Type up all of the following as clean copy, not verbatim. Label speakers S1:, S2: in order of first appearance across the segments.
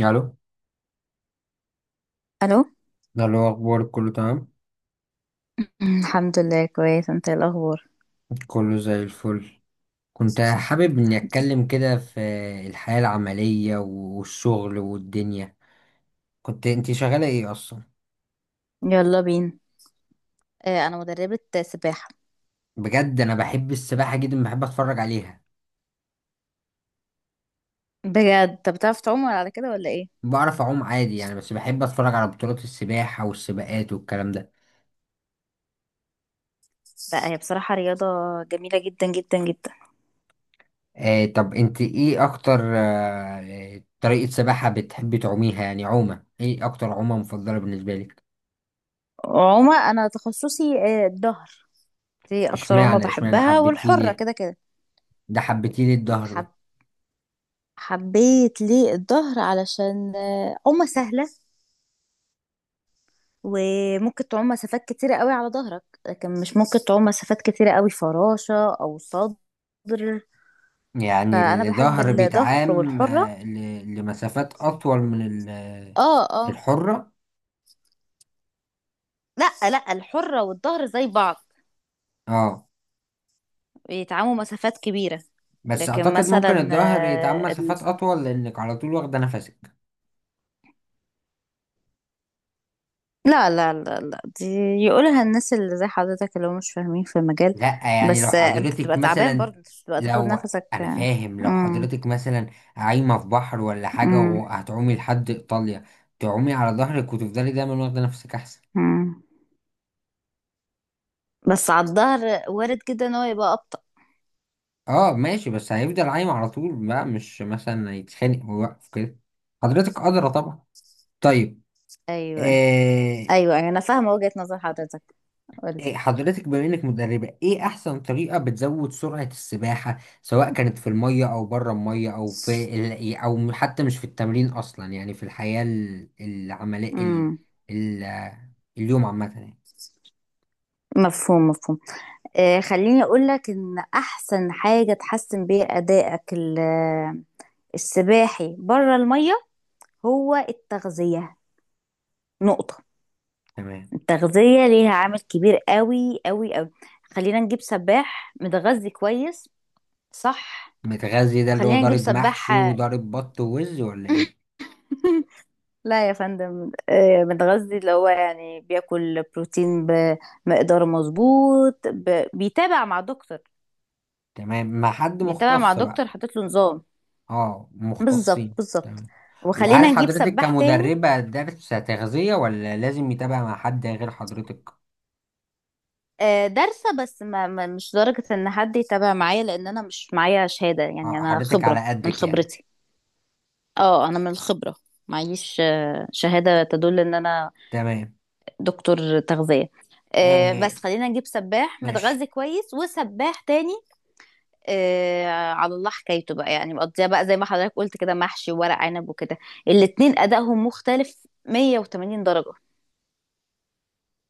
S1: الو.
S2: الو.
S1: ده اللي هو اخبارك، كله تمام؟
S2: مم، الحمد لله كويس. انت ايه الاخبار؟
S1: كله زي الفل. كنت حابب اني اتكلم كده في الحياة العملية والشغل والدنيا. كنت انت شغالة ايه اصلا؟
S2: يلا بينا. آه، انا مدربة سباحة.
S1: بجد انا بحب السباحة جدا، بحب اتفرج عليها.
S2: بجد؟ طب بتعرف تعوم ولا على كده ولا ايه؟
S1: بعرف اعوم عادي يعني، بس بحب اتفرج على بطولات السباحة والسباقات والكلام ده.
S2: لا، هي بصراحة رياضة جميلة جدا جدا جدا.
S1: طب انت ايه اكتر طريقة سباحة بتحبي تعوميها؟ يعني عومة ايه اكتر، عومة مفضلة بالنسبة لك؟
S2: عومة، انا تخصصي الظهر. دي اكتر عومة
S1: اشمعنى
S2: بحبها،
S1: حبيتيه
S2: والحرة
S1: ليه؟
S2: كده كده.
S1: حبيتيه ليه الظهر؟
S2: حب حبيت ليه الظهر علشان عومة سهلة، وممكن تعوم مسافات كتيرة قوي على ظهرك، لكن مش ممكن تعوم مسافات كتيرة قوي فراشة او صدر.
S1: يعني
S2: فانا بحب
S1: الظهر
S2: الظهر
S1: بيتعام،
S2: والحرة.
S1: لمسافات أطول من
S2: اه اه.
S1: الحرة.
S2: لا الحرة والظهر زي بعض،
S1: اه.
S2: بيتعاموا مسافات كبيرة.
S1: بس
S2: لكن
S1: أعتقد ممكن
S2: مثلا
S1: الظهر يتعام مسافات أطول لأنك على طول واخدة نفسك.
S2: لا دي يقولها الناس اللي زي حضرتك اللي هم مش فاهمين في المجال.
S1: لأ يعني لو
S2: بس انت
S1: حضرتك
S2: بتبقى تعبان
S1: مثلا.
S2: برضه، انت مش بتبقى تاخد
S1: لو
S2: نفسك
S1: أنا فاهم، لو
S2: مم.
S1: حضرتك مثلا عايمة في بحر ولا حاجة
S2: مم.
S1: وهتعومي لحد إيطاليا، تعومي على ظهرك وتفضلي دايما واخدة نفسك أحسن.
S2: مم. بس على الظهر وارد جدا ان هو يبقى أبطأ.
S1: اه ماشي، بس هيفضل عايم على طول بقى، مش مثلا هيتخانق ويوقف كده. حضرتك قادرة طبعا. طيب.
S2: ايوه.
S1: آه،
S2: ايوه، أيوه، انا فاهمة وجهة نظر حضرتك. قولي.
S1: إيه حضرتك بما انك مدربة، ايه احسن طريقة بتزود سرعة السباحة، سواء كانت في المية او بره المية او في او حتى مش في التمرين اصلا، يعني في الحياة العملية،
S2: مم.
S1: ال... اليوم عامة يعني.
S2: مفهوم مفهوم. خليني اقول لك ان احسن حاجه تحسن بيها السباحي بره الميه هو التغذيه. نقطه.
S1: تمام.
S2: التغذيه ليها عامل كبير قوي قوي قوي. خلينا نجيب سباح متغذي كويس، صح؟
S1: متغذي ده اللي هو
S2: وخلينا نجيب
S1: ضارب
S2: سباح،
S1: محشي وضارب بط ووز ولا ايه؟
S2: لا يا فندم، متغذي اللي هو يعني بياكل بروتين بمقدار مظبوط، بيتابع مع دكتور.
S1: تمام، مع حد
S2: بيتابع مع
S1: مختص بقى.
S2: دكتور حاطط له نظام.
S1: اه،
S2: بالظبط
S1: مختصين،
S2: بالظبط.
S1: تمام. وهل
S2: وخلينا نجيب
S1: حضرتك
S2: سباح تاني.
S1: كمدربة درس تغذية ولا لازم يتابع مع حد غير حضرتك؟
S2: دارسة، بس مش درجة ان حد يتابع معايا، لان انا مش معايا شهادة، يعني انا
S1: حضرتك
S2: خبرة
S1: على
S2: من
S1: قدك يعني.
S2: خبرتي. اه، انا من الخبرة، معيش شهادة تدل ان انا
S1: تمام.
S2: دكتور تغذية.
S1: آه
S2: بس خلينا نجيب سباح
S1: ماشي.
S2: متغذي كويس وسباح تاني. آه، على الله حكايته بقى، يعني مقضيها بقى زي ما حضرتك قلت كده محشي وورق عنب وكده. الاتنين ادائهم مختلف 180 درجة.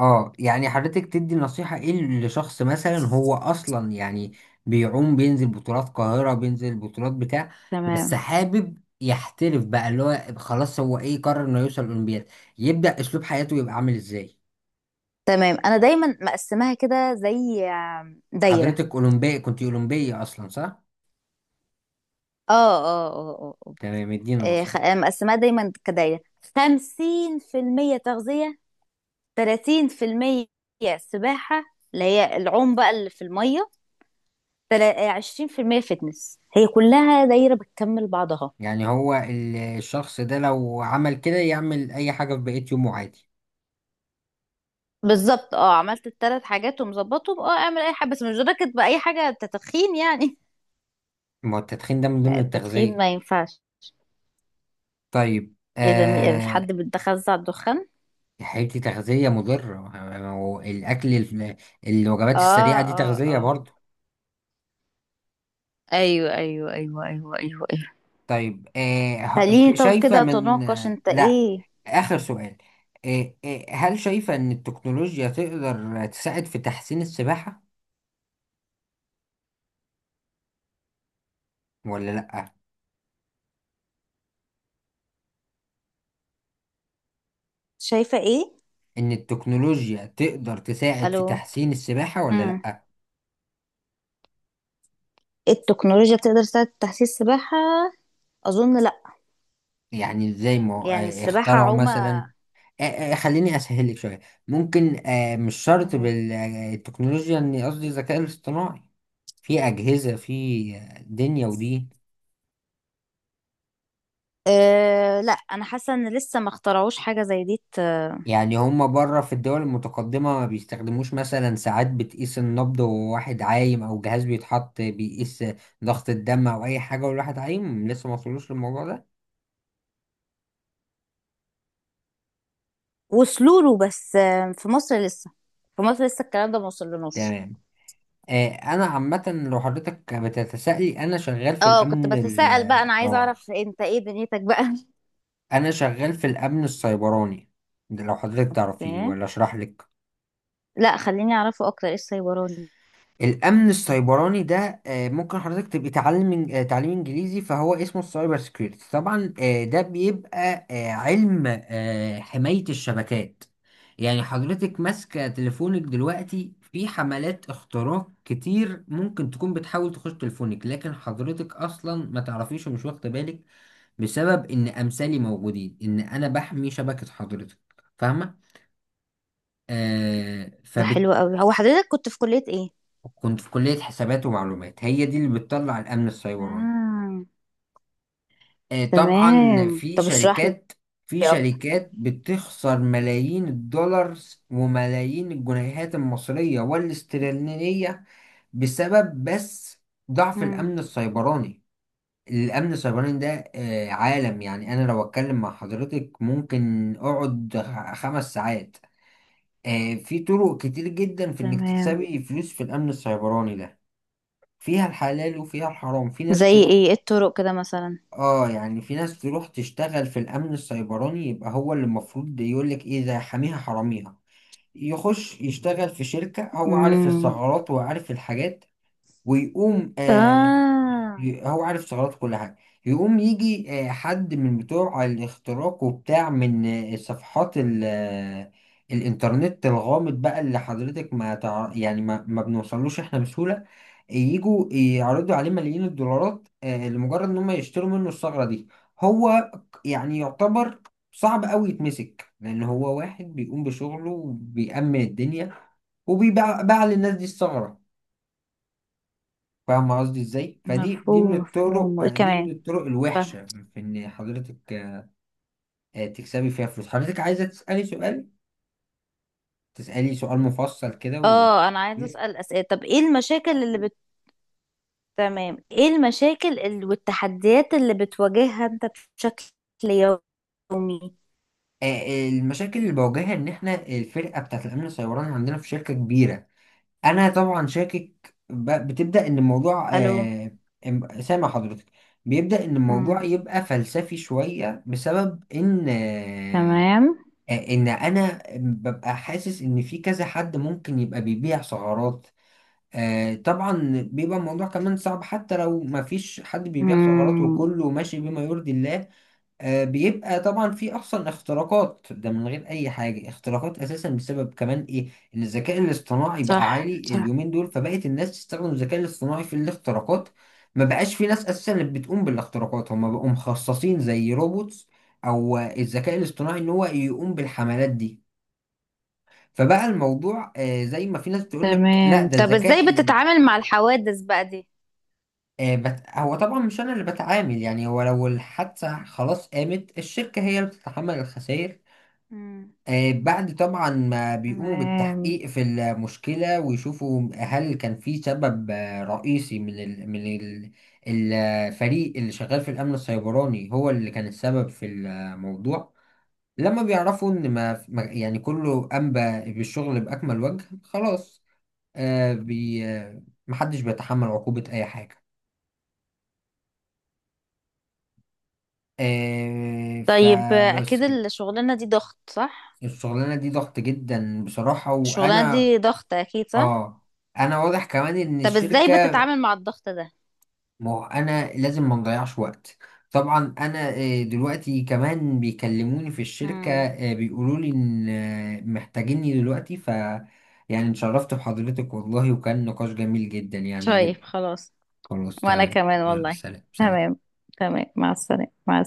S1: اه، يعني حضرتك تدي نصيحة ايه لشخص مثلا، هو اصلا يعني بيعوم، بينزل بطولات قاهرة، بينزل بطولات بتاع، بس
S2: تمام
S1: حابب يحترف بقى، اللي هو خلاص هو ايه، قرر انه يوصل اولمبياد، يبدأ اسلوب حياته يبقى عامل ازاي؟
S2: تمام، انا دايما مقسماها كده زي دايره.
S1: حضرتك اولمبي، كنت اولمبية اصلا، صح؟
S2: اه اه اه اه آه.
S1: تمام، ادينا نصيحة.
S2: مقسماها دايما كدايره. خمسين في المية تغذيه، تلاتين في المية سباحه، اللي هي العوم بقى اللي في الميه، عشرين في المية فتنس. هي كلها دايره بتكمل بعضها.
S1: يعني هو الشخص ده لو عمل كده يعمل اي حاجة في بقية يومه عادي؟
S2: بالظبط. اه، عملت الثلاث حاجات ومظبطهم، اه اعمل اي حاجه، بس مش دركت باي حاجه تدخين يعني.
S1: ما هو التدخين ده من ضمن
S2: لا، التدخين
S1: التغذية؟
S2: ما ينفعش.
S1: طيب
S2: اذا مش
S1: آه.
S2: حد بيتخزع الدخان.
S1: حياتي تغذية مضرة؟ ما هو الأكل الوجبات
S2: اه
S1: السريعة دي
S2: اه
S1: تغذية
S2: اه.
S1: برضو.
S2: ايوه ايوه ايوه ايوه ايوه ايوه.
S1: طيب
S2: خليني طب
S1: شايفة
S2: كده
S1: من
S2: اتناقش، انت
S1: لا.
S2: ايه
S1: آخر سؤال. هل شايفة إن التكنولوجيا تقدر تساعد في تحسين السباحة ولا لأ؟
S2: شايفة؟ ايه؟
S1: إن التكنولوجيا تقدر تساعد في
S2: الو.
S1: تحسين السباحة ولا
S2: امم،
S1: لأ؟
S2: التكنولوجيا بتقدر تساعد في تحسين السباحة؟ اظن لا.
S1: يعني إزاي، ما
S2: يعني السباحة
S1: اخترعوا
S2: عومة.
S1: مثلا. خليني اسهل لك شويه. ممكن مش شرط
S2: تمام.
S1: بالتكنولوجيا، اني قصدي الذكاء الاصطناعي. في اجهزه في دنيا ودين.
S2: أه لا، انا حاسة ان لسه ما اخترعوش حاجة زي دي
S1: يعني هما بره في الدول المتقدمه ما بيستخدموش مثلا ساعات بتقيس النبض وهو واحد عايم، او جهاز بيتحط بيقيس ضغط الدم او اي حاجه والواحد عايم، لسه ما وصلوش للموضوع ده؟
S2: وصلوا له، بس في مصر لسه، في مصر لسه الكلام ده ما وصلناش.
S1: تمام. انا عامه لو حضرتك بتتسائلي، انا شغال في
S2: اه، كنت
S1: الامن
S2: بتساءل بقى، انا عايزة
S1: اه
S2: اعرف انت ايه دنيتك بقى.
S1: انا شغال في الامن السيبراني. ده لو حضرتك
S2: اوكي.
S1: تعرفيه ولا اشرح لك؟
S2: لا خليني اعرفه اكتر، ايه السايبراني؟
S1: الامن السيبراني ده ممكن حضرتك تبقي تعلم تعليم انجليزي، فهو اسمه السايبر سكيورتي طبعا. ده بيبقى علم حماية الشبكات. يعني حضرتك ماسكة تليفونك دلوقتي، في حملات اختراق كتير ممكن تكون بتحاول تخش تليفونك لكن حضرتك اصلا ما تعرفيش ومش واخدة بالك، بسبب ان امثالي موجودين، ان انا بحمي شبكة حضرتك. فاهمة؟ آه
S2: ده
S1: فبت...
S2: حلو قوي. هو حضرتك كنت في كلية ايه؟
S1: كنت في كلية حسابات ومعلومات، هي دي اللي بتطلع الأمن السيبراني.
S2: آه.
S1: آه طبعا
S2: تمام،
S1: في
S2: طب اشرح لي
S1: شركات، في
S2: اكتر.
S1: شركات بتخسر ملايين الدولار وملايين الجنيهات المصرية والاسترلينية بسبب بس ضعف
S2: مم.
S1: الأمن السيبراني. الأمن السيبراني ده آه عالم. يعني أنا لو أتكلم مع حضرتك ممكن أقعد خمس ساعات. في طرق كتير جدا في إنك
S2: تمام.
S1: تكسبي فلوس في الأمن السيبراني ده. فيها الحلال وفيها الحرام، في
S2: زي
S1: ناس تروح.
S2: ايه؟ إيه الطرق كده مثلا؟
S1: اه يعني في ناس تروح تشتغل في الأمن السيبراني يبقى هو اللي المفروض يقولك ايه، ده حاميها حراميها. يخش يشتغل في شركة، هو عارف
S2: امم.
S1: الثغرات وعارف الحاجات، ويقوم
S2: اه.
S1: هو عارف ثغرات كل حاجة. يقوم يجي حد من بتوع الاختراق وبتاع من صفحات ال آه، الإنترنت الغامض بقى اللي حضرتك ما يعني ما بنوصلوش إحنا بسهولة. يجوا يعرضوا عليه ملايين الدولارات لمجرد إن هم يشتروا منه الثغرة دي. هو يعني يعتبر صعب أوي يتمسك، لأن هو واحد بيقوم بشغله وبيأمن الدنيا وبيباع باع للناس دي الثغرة. فاهم قصدي ازاي؟ فدي من
S2: مفهوم
S1: الطرق،
S2: مفهوم، وايه
S1: دي من
S2: كمان؟
S1: الطرق
S2: فاهمة.
S1: الوحشه في ان حضرتك تكسبي فيها فلوس. حضرتك عايزه تسالي سؤال، مفصل كده و...
S2: اه، انا عايزه اسال اسئله. طب ايه المشاكل اللي بت... تمام، ايه المشاكل والتحديات اللي بتواجهها انت بشكل يومي؟
S1: المشاكل اللي بواجهها ان احنا الفرقه بتاعت الامن السيبراني عندنا في شركه كبيره. انا طبعا شاكك بتبدا ان الموضوع
S2: الو.
S1: سامع حضرتك. بيبدا ان
S2: مم.
S1: الموضوع يبقى فلسفي شويه بسبب ان
S2: تمام.
S1: ان انا ببقى حاسس ان في كذا حد ممكن يبقى بيبيع سعرات. طبعا بيبقى الموضوع كمان صعب حتى لو ما فيش حد بيبيع سعرات،
S2: امم.
S1: وكله ماشي بما يرضي الله. بيبقى طبعا في اصلا اختراقات، ده من غير اي حاجه، اختراقات اساسا بسبب كمان ايه؟ ان الذكاء الاصطناعي بقى
S2: صح
S1: عالي
S2: صح.
S1: اليومين دول، فبقت الناس تستخدم الذكاء الاصطناعي في الاختراقات. ما بقاش في ناس اساسا اللي بتقوم بالاختراقات، هم بقوا مخصصين زي روبوتس او الذكاء الاصطناعي، ان هو يقوم بالحملات دي. فبقى الموضوع زي ما في ناس تقول لك لا
S2: تمام،
S1: ده
S2: طب ازاي
S1: الذكاء
S2: بتتعامل مع الحوادث بقى دي؟
S1: هو طبعا مش انا اللي بتعامل. يعني هو لو الحادثه خلاص قامت، الشركه هي اللي بتتحمل الخسائر.
S2: مم.
S1: بعد طبعا ما بيقوموا
S2: تمام.
S1: بالتحقيق في المشكلة ويشوفوا هل كان في سبب رئيسي من ال من ال الفريق اللي شغال في الأمن السيبراني، هو اللي كان السبب في الموضوع. لما بيعرفوا إن يعني كله قام بالشغل بأكمل وجه، خلاص. آه، بي آه، محدش بيتحمل عقوبة أي حاجة.
S2: طيب
S1: فبس
S2: اكيد
S1: كده.
S2: الشغلانة دي ضغط، صح؟
S1: الشغلانة دي ضغط جدا بصراحة.
S2: الشغلانة
S1: وأنا
S2: دي ضغط اكيد، صح؟
S1: آه انا واضح كمان ان
S2: طب ازاي
S1: الشركة.
S2: بتتعامل مع الضغط ده؟
S1: ما هو انا لازم ما نضيعش وقت. طبعا انا دلوقتي كمان بيكلموني في الشركة،
S2: امم.
S1: بيقولوا لي ان محتاجيني دلوقتي. يعني اتشرفت بحضرتك والله، وكان نقاش جميل جدا يعني،
S2: طيب
S1: جدا.
S2: خلاص.
S1: خلاص
S2: وانا
S1: تمام.
S2: كمان
S1: يلا
S2: والله.
S1: سلام سلام.
S2: تمام. تمام، مع السلامة، مع